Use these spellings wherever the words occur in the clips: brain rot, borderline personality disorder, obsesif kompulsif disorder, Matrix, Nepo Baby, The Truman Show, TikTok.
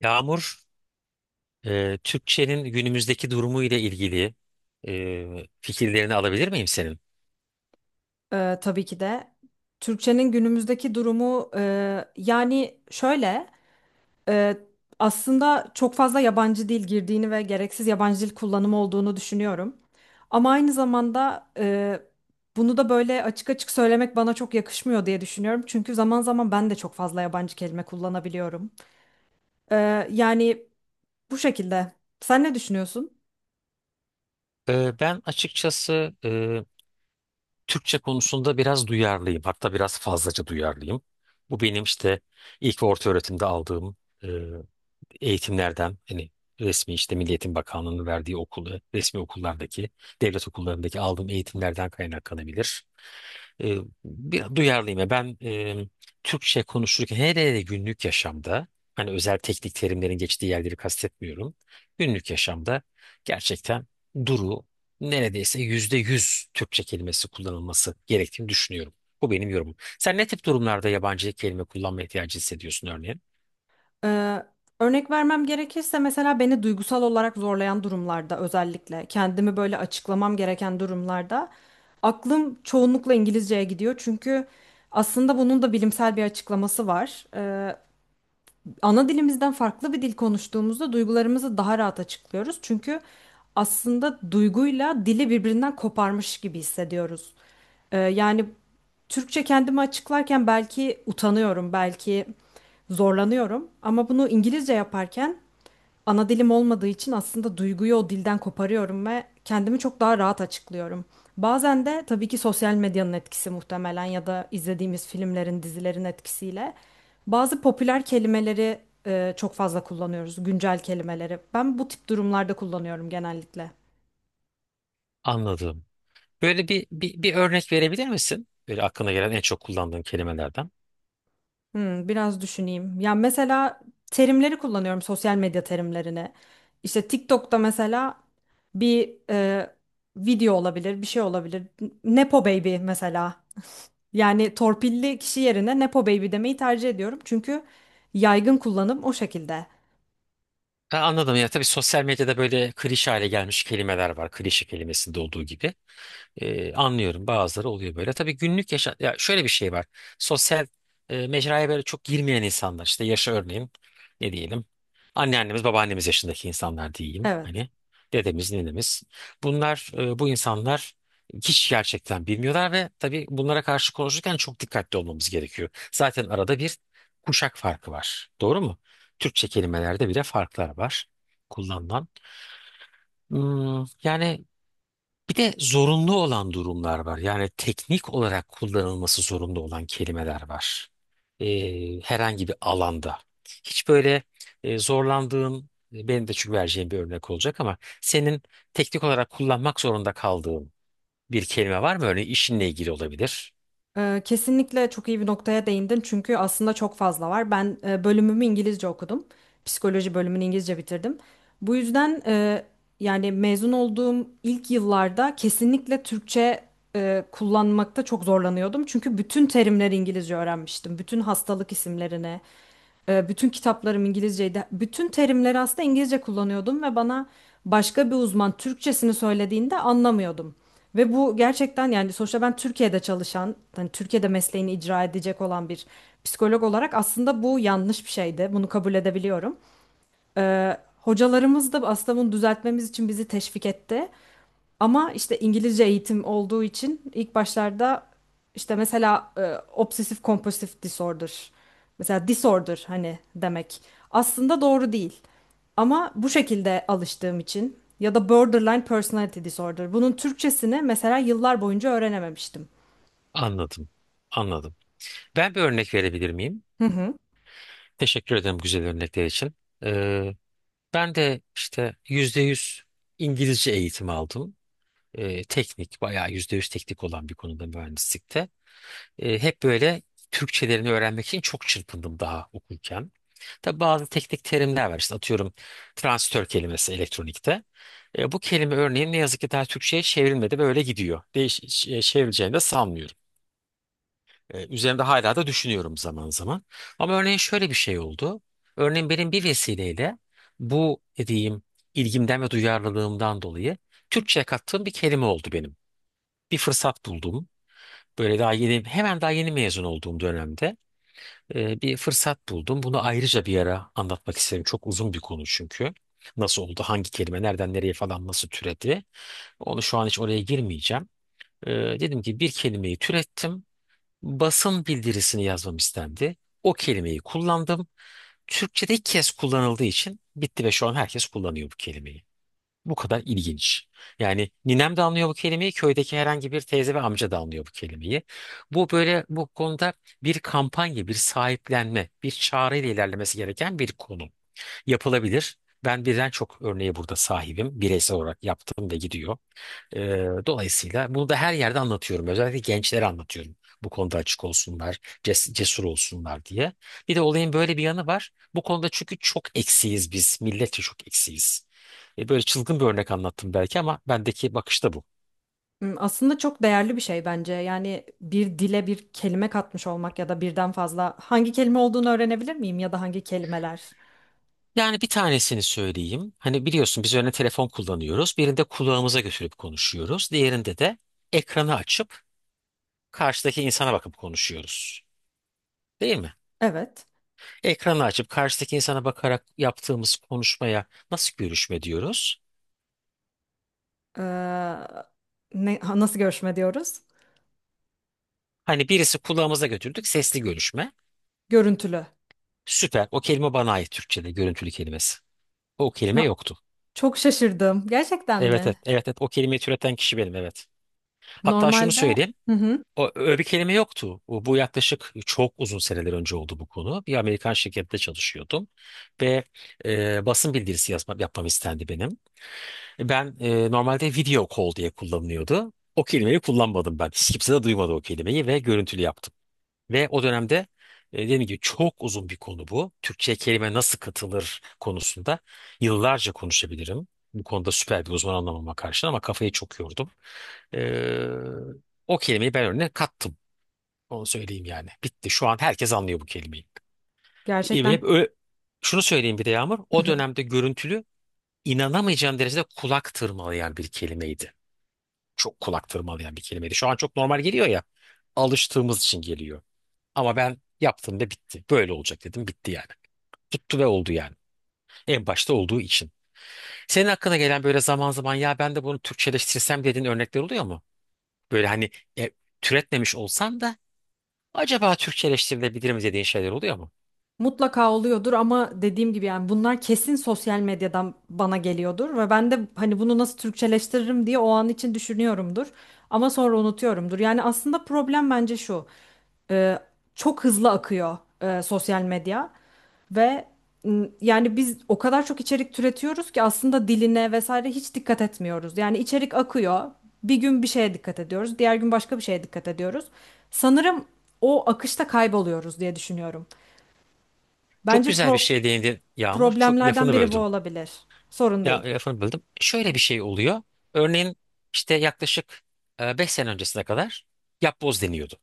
Yağmur, Türkçenin günümüzdeki durumu ile ilgili fikirlerini alabilir miyim senin? Tabii ki de. Türkçenin günümüzdeki durumu yani şöyle e, aslında çok fazla yabancı dil girdiğini ve gereksiz yabancı dil kullanımı olduğunu düşünüyorum. Ama aynı zamanda bunu da böyle açık açık söylemek bana çok yakışmıyor diye düşünüyorum. Çünkü zaman zaman ben de çok fazla yabancı kelime kullanabiliyorum. Yani bu şekilde. Sen ne düşünüyorsun? Ben açıkçası Türkçe konusunda biraz duyarlıyım. Hatta biraz fazlaca duyarlıyım. Bu benim işte ilk ve orta öğretimde aldığım e, eğitimlerden hani resmi işte Milli Eğitim Bakanlığı'nın verdiği okulu, resmi okullardaki, devlet okullarındaki aldığım eğitimlerden kaynaklanabilir. E, bir duyarlıyım, ya. Ben Türkçe konuşurken hele hele günlük yaşamda hani özel teknik terimlerin geçtiği yerleri kastetmiyorum. Günlük yaşamda gerçekten duru neredeyse %100 Türkçe kelimesi kullanılması gerektiğini düşünüyorum. Bu benim yorumum. Sen ne tip durumlarda yabancı kelime kullanma ihtiyacı hissediyorsun örneğin? Ee, Örnek vermem gerekirse mesela beni duygusal olarak zorlayan durumlarda özellikle kendimi böyle açıklamam gereken durumlarda aklım çoğunlukla İngilizceye gidiyor. Çünkü aslında bunun da bilimsel bir açıklaması var, ana dilimizden farklı bir dil konuştuğumuzda duygularımızı daha rahat açıklıyoruz. Çünkü aslında duyguyla dili birbirinden koparmış gibi hissediyoruz. Yani Türkçe kendimi açıklarken belki utanıyorum, belki zorlanıyorum ama bunu İngilizce yaparken ana dilim olmadığı için aslında duyguyu o dilden koparıyorum ve kendimi çok daha rahat açıklıyorum. Bazen de tabii ki sosyal medyanın etkisi muhtemelen ya da izlediğimiz filmlerin, dizilerin etkisiyle bazı popüler kelimeleri çok fazla kullanıyoruz, güncel kelimeleri. Ben bu tip durumlarda kullanıyorum genellikle. Anladım. Böyle bir örnek verebilir misin? Böyle aklına gelen en çok kullandığın kelimelerden. Hmm, biraz düşüneyim. Ya mesela terimleri kullanıyorum, sosyal medya terimlerini. İşte TikTok'ta mesela bir video olabilir, bir şey olabilir. Nepo Baby mesela. Yani torpilli kişi yerine Nepo Baby demeyi tercih ediyorum. Çünkü yaygın kullanım o şekilde. Ha, anladım ya tabii sosyal medyada böyle klişe hale gelmiş kelimeler var. Klişe kelimesinde olduğu gibi. Anlıyorum, bazıları oluyor böyle. Tabii günlük yaşa ya şöyle bir şey var. Sosyal mecraya böyle çok girmeyen insanlar işte yaşa örneğin ne diyelim. Anneannemiz babaannemiz yaşındaki insanlar diyeyim. Evet. Hani dedemiz ninemiz. Bu insanlar hiç gerçekten bilmiyorlar ve tabii bunlara karşı konuşurken çok dikkatli olmamız gerekiyor. Zaten arada bir kuşak farkı var. Doğru mu? Türkçe kelimelerde bile farklar var kullanılan. Yani bir de zorunlu olan durumlar var. Yani teknik olarak kullanılması zorunlu olan kelimeler var. Herhangi bir alanda. Hiç böyle zorlandığın, benim de çünkü vereceğim bir örnek olacak ama senin teknik olarak kullanmak zorunda kaldığın bir kelime var mı? Örneğin işinle ilgili olabilir. Kesinlikle çok iyi bir noktaya değindin. Çünkü aslında çok fazla var. Ben bölümümü İngilizce okudum. Psikoloji bölümünü İngilizce bitirdim. Bu yüzden yani mezun olduğum ilk yıllarda kesinlikle Türkçe kullanmakta çok zorlanıyordum. Çünkü bütün terimleri İngilizce öğrenmiştim. Bütün hastalık isimlerini. Bütün kitaplarım İngilizceydi. Bütün terimleri aslında İngilizce kullanıyordum ve bana başka bir uzman Türkçesini söylediğinde anlamıyordum. Ve bu gerçekten, yani sonuçta ben Türkiye'de çalışan, hani Türkiye'de mesleğini icra edecek olan bir psikolog olarak aslında bu yanlış bir şeydi. Bunu kabul edebiliyorum. Hocalarımız da aslında bunu düzeltmemiz için bizi teşvik etti. Ama işte İngilizce eğitim olduğu için ilk başlarda işte mesela obsesif kompulsif disorder. Mesela disorder hani demek. Aslında doğru değil. Ama bu şekilde alıştığım için ya da borderline personality disorder. Bunun Türkçesini mesela yıllar boyunca öğrenememiştim. Anladım, anladım. Ben bir örnek verebilir miyim? Hı hı. Teşekkür ederim güzel örnekler için. Ee, Ben de işte %100 İngilizce eğitimi aldım. Teknik, bayağı %100 teknik olan bir konuda mühendislikte. Hep böyle Türkçelerini öğrenmek için çok çırpındım daha okurken. Tabi bazı teknik terimler var. İşte atıyorum transistör kelimesi elektronikte. Bu kelime örneğin ne yazık ki daha Türkçe'ye çevrilmedi ve öyle gidiyor. Çevrileceğini de sanmıyorum. Üzerinde hala da düşünüyorum zaman zaman. Ama örneğin şöyle bir şey oldu. Örneğin benim bir vesileyle bu dediğim ilgimden ve duyarlılığımdan dolayı Türkçe'ye kattığım bir kelime oldu benim, bir fırsat buldum. Böyle daha yeni mezun olduğum dönemde bir fırsat buldum. Bunu ayrıca bir ara anlatmak isterim. Çok uzun bir konu çünkü. Nasıl oldu, hangi kelime, nereden nereye falan nasıl türedi. Onu şu an hiç oraya girmeyeceğim. E, Dedim ki bir kelimeyi türettim. Basın bildirisini yazmam istendi. O kelimeyi kullandım. Türkçe'de ilk kez kullanıldığı için bitti ve şu an herkes kullanıyor bu kelimeyi. Bu kadar ilginç. Yani ninem de anlıyor bu kelimeyi, köydeki herhangi bir teyze ve amca da anlıyor bu kelimeyi. Bu konuda bir kampanya, bir sahiplenme, bir çağrı ile ilerlemesi gereken bir konu. Yapılabilir. Ben birden çok örneğe burada sahibim. Bireysel olarak yaptım ve gidiyor. Dolayısıyla bunu da her yerde anlatıyorum. Özellikle gençlere anlatıyorum. Bu konuda açık olsunlar, cesur olsunlar diye. Bir de olayın böyle bir yanı var. Bu konuda çünkü çok eksiyiz biz. Milletçe çok eksiyiz. Böyle çılgın bir örnek anlattım belki ama bendeki bakış da bu. Hmm, aslında çok değerli bir şey bence. Yani bir dile bir kelime katmış olmak ya da birden fazla hangi kelime olduğunu öğrenebilir miyim ya da hangi kelimeler? Yani bir tanesini söyleyeyim. Hani biliyorsun biz örneğin telefon kullanıyoruz. Birinde kulağımıza götürüp konuşuyoruz. Diğerinde de ekranı açıp karşıdaki insana bakıp konuşuyoruz. Değil mi? Evet. Ekranı açıp karşıdaki insana bakarak yaptığımız konuşmaya nasıl görüşme diyoruz? Ee, nasıl görüşme diyoruz? Hani birisi kulağımıza götürdük, sesli görüşme. Görüntülü. Süper. O kelime bana ait, Türkçe'de görüntülü kelimesi. O Şu kelime an yoktu. çok şaşırdım. Gerçekten Evet, evet, mi? evet, evet. O kelimeyi türeten kişi benim, evet. Hatta şunu Normalde söyleyeyim. hı hı, O, öyle bir kelime yoktu. Bu yaklaşık çok uzun seneler önce oldu bu konu. Bir Amerikan şirkette çalışıyordum ve basın bildirisi yapmam istendi benim. Normalde video call diye kullanılıyordu. O kelimeyi kullanmadım ben. Hiç kimse de duymadı o kelimeyi ve görüntülü yaptım. Ve o dönemde dediğim gibi çok uzun bir konu bu. Türkçe kelime nasıl katılır konusunda yıllarca konuşabilirim. Bu konuda süper bir uzman anlamama karşın ama kafayı çok yordum. E, O kelimeyi ben önüne kattım. Onu söyleyeyim yani. Bitti. Şu an herkes anlıyor bu kelimeyi. E, gerçekten hep ö- şunu söyleyeyim bir de Yağmur. hı O hı. dönemde görüntülü inanamayacağım derecede kulak tırmalayan bir kelimeydi, çok kulak tırmalayan bir kelimeydi. Şu an çok normal geliyor ya. Alıştığımız için geliyor. Ama ben yaptım ve bitti. Böyle olacak dedim, bitti yani. Tuttu ve oldu yani. En başta olduğu için. Senin hakkına gelen böyle zaman zaman, ya ben de bunu Türkçeleştirsem dediğin örnekler oluyor mu? Böyle hani e, türetmemiş olsan da acaba Türkçeleştirilebilir mi dediğin şeyler oluyor mu? Mutlaka oluyordur ama dediğim gibi yani bunlar kesin sosyal medyadan bana geliyordur ve ben de hani bunu nasıl Türkçeleştiririm diye o an için düşünüyorumdur ama sonra unutuyorumdur. Yani aslında problem bence şu. e, Çok hızlı akıyor sosyal medya ve yani biz o kadar çok içerik türetiyoruz ki aslında diline vesaire hiç dikkat etmiyoruz. Yani içerik akıyor. Bir gün bir şeye dikkat ediyoruz, diğer gün başka bir şeye dikkat ediyoruz. Sanırım o akışta kayboluyoruz diye düşünüyorum. Çok Bence güzel bir şey değindin Yağmur. Çok problemlerden lafını biri bu böldüm. olabilir. Sorun Ya değil. lafını böldüm. Şöyle bir şey oluyor. Örneğin işte yaklaşık 5 sene öncesine kadar yapboz deniyordu.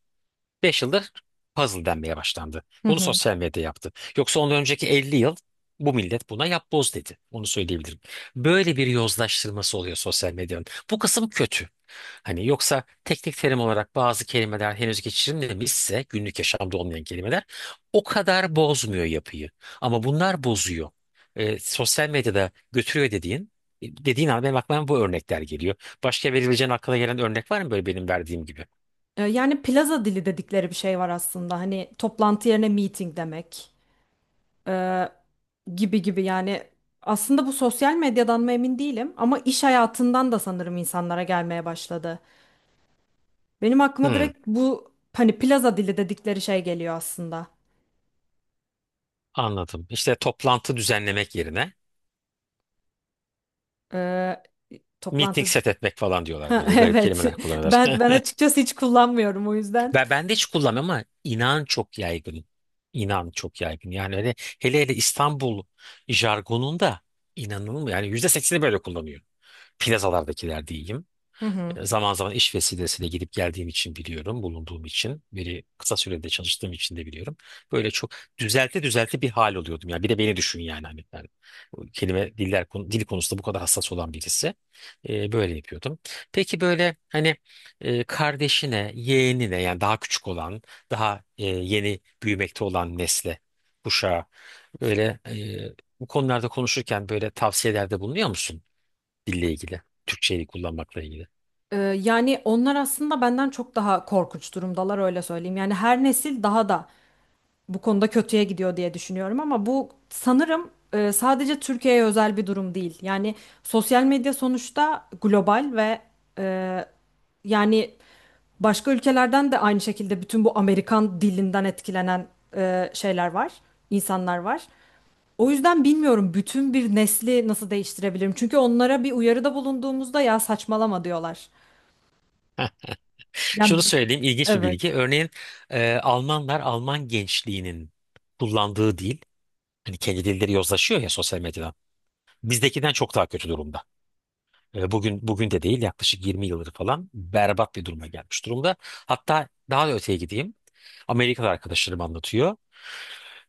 5 yıldır puzzle denmeye başlandı. Hı Bunu hı. sosyal medya yaptı. Yoksa ondan önceki 50 yıl bu millet buna yapboz dedi. Onu söyleyebilirim. Böyle bir yozlaştırması oluyor sosyal medyanın. Bu kısım kötü. Hani yoksa teknik terim olarak bazı kelimeler henüz geçirilmemişse, günlük yaşamda olmayan kelimeler o kadar bozmuyor yapıyı. Ama bunlar bozuyor. Sosyal medyada götürüyor dediğin an benim aklıma bu örnekler geliyor. Başka verebileceğin aklına gelen örnek var mı böyle benim verdiğim gibi? Yani plaza dili dedikleri bir şey var aslında. Hani toplantı yerine meeting demek. Ee, gibi gibi yani aslında bu sosyal medyadan mı emin değilim ama iş hayatından da sanırım insanlara gelmeye başladı. Benim aklıma Hmm. direkt bu hani plaza dili dedikleri şey geliyor aslında. Anladım. İşte toplantı düzenlemek yerine Ee, meeting Toplantı set etmek falan diyorlar, Ha, böyle garip evet kelimeler kullanırlar. ben açıkçası hiç kullanmıyorum o yüzden. Ben de hiç kullanmıyorum ama inan çok yaygın. İnan çok yaygın. Yani öyle, hele hele İstanbul jargonunda inanılmıyor. Yani %80'i böyle kullanıyor. Plazalardakiler diyeyim. Hı hı. Zaman zaman iş vesilesiyle gidip geldiğim için biliyorum, bulunduğum için. Biri kısa sürede çalıştığım için de biliyorum. Böyle çok düzelte düzelte bir hal oluyordum. Yani bir de beni düşün yani hani ben dil konusunda bu kadar hassas olan birisi. Böyle yapıyordum. Peki böyle hani kardeşine, yeğenine yani daha küçük olan, daha yeni büyümekte olan nesle, kuşağa böyle bu konularda konuşurken böyle tavsiyelerde bulunuyor musun dille ilgili, Türkçeyi kullanmakla ilgili? Yani onlar aslında benden çok daha korkunç durumdalar, öyle söyleyeyim. Yani her nesil daha da bu konuda kötüye gidiyor diye düşünüyorum ama bu sanırım sadece Türkiye'ye özel bir durum değil. Yani sosyal medya sonuçta global ve e, yani başka ülkelerden de aynı şekilde bütün bu Amerikan dilinden etkilenen şeyler var, insanlar var. O yüzden bilmiyorum bütün bir nesli nasıl değiştirebilirim. Çünkü onlara bir uyarıda bulunduğumuzda ya saçmalama diyorlar. Yani Şunu söyleyeyim, ilginç bir bilgi. evet. Örneğin Almanlar, Alman gençliğinin kullandığı dil, hani kendi dilleri yozlaşıyor ya sosyal medyada. Bizdekinden çok daha kötü durumda. Bugün bugün de değil, yaklaşık 20 yıldır falan berbat bir duruma gelmiş durumda. Hatta daha da öteye gideyim. Amerikalı arkadaşlarım anlatıyor.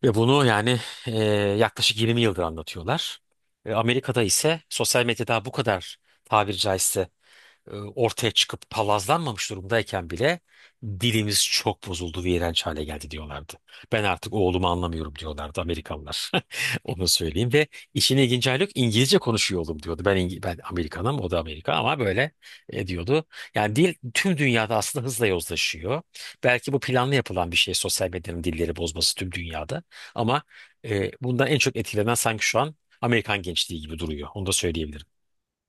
Ve bunu yani e, yaklaşık 20 yıldır anlatıyorlar. Amerika'da ise sosyal medyada bu kadar, tabiri caizse ortaya çıkıp palazlanmamış durumdayken bile dilimiz çok bozuldu ve iğrenç hale geldi diyorlardı. Ben artık oğlumu anlamıyorum diyorlardı Amerikalılar. Onu söyleyeyim ve işin ilginç hali, yok İngilizce konuşuyor oğlum diyordu. Ben Amerikanım, o da Amerika ama böyle diyordu. Yani dil tüm dünyada aslında hızla yozlaşıyor. Belki bu planlı yapılan bir şey, sosyal medyanın dilleri bozması tüm dünyada, ama bundan en çok etkilenen sanki şu an Amerikan gençliği gibi duruyor. Onu da söyleyebilirim.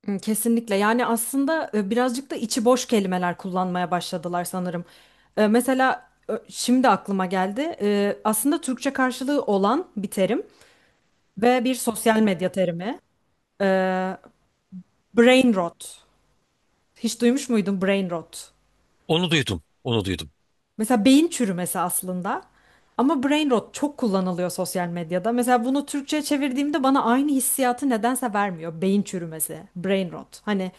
Hı, kesinlikle. Yani aslında birazcık da içi boş kelimeler kullanmaya başladılar sanırım. Mesela şimdi aklıma geldi. Aslında Türkçe karşılığı olan bir terim ve bir sosyal medya terimi. E, Brain rot. Hiç duymuş muydun brain rot? Onu duydum, onu duydum. Mesela beyin çürümesi aslında. Ama brain rot çok kullanılıyor sosyal medyada. Mesela bunu Türkçe'ye çevirdiğimde bana aynı hissiyatı nedense vermiyor. Beyin çürümesi, brain rot. Hani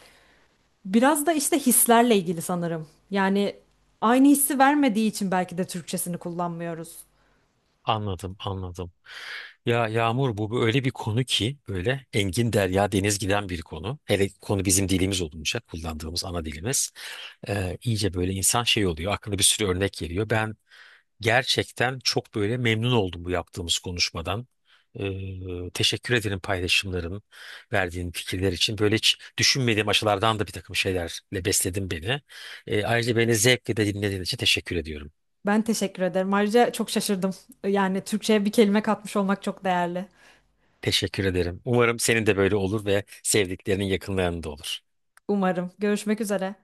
biraz da işte hislerle ilgili sanırım. Yani aynı hissi vermediği için belki de Türkçesini kullanmıyoruz. Anladım, anladım. Ya Yağmur, bu böyle bir konu ki böyle engin derya deniz giden bir konu. Hele konu bizim dilimiz olunca, kullandığımız ana dilimiz. İyice böyle insan şey oluyor. Aklına bir sürü örnek geliyor. Gerçekten çok böyle memnun oldum bu yaptığımız konuşmadan. Teşekkür ederim paylaşımların, verdiğin fikirler için. Böyle hiç düşünmediğim açılardan da bir takım şeylerle besledin beni. Ayrıca beni zevkle de dinlediğin için teşekkür ediyorum. Ben teşekkür ederim. Ayrıca çok şaşırdım. Yani Türkçe'ye bir kelime katmış olmak çok değerli. Teşekkür ederim. Umarım senin de böyle olur ve sevdiklerinin yakınlarında olur. Umarım. Görüşmek üzere.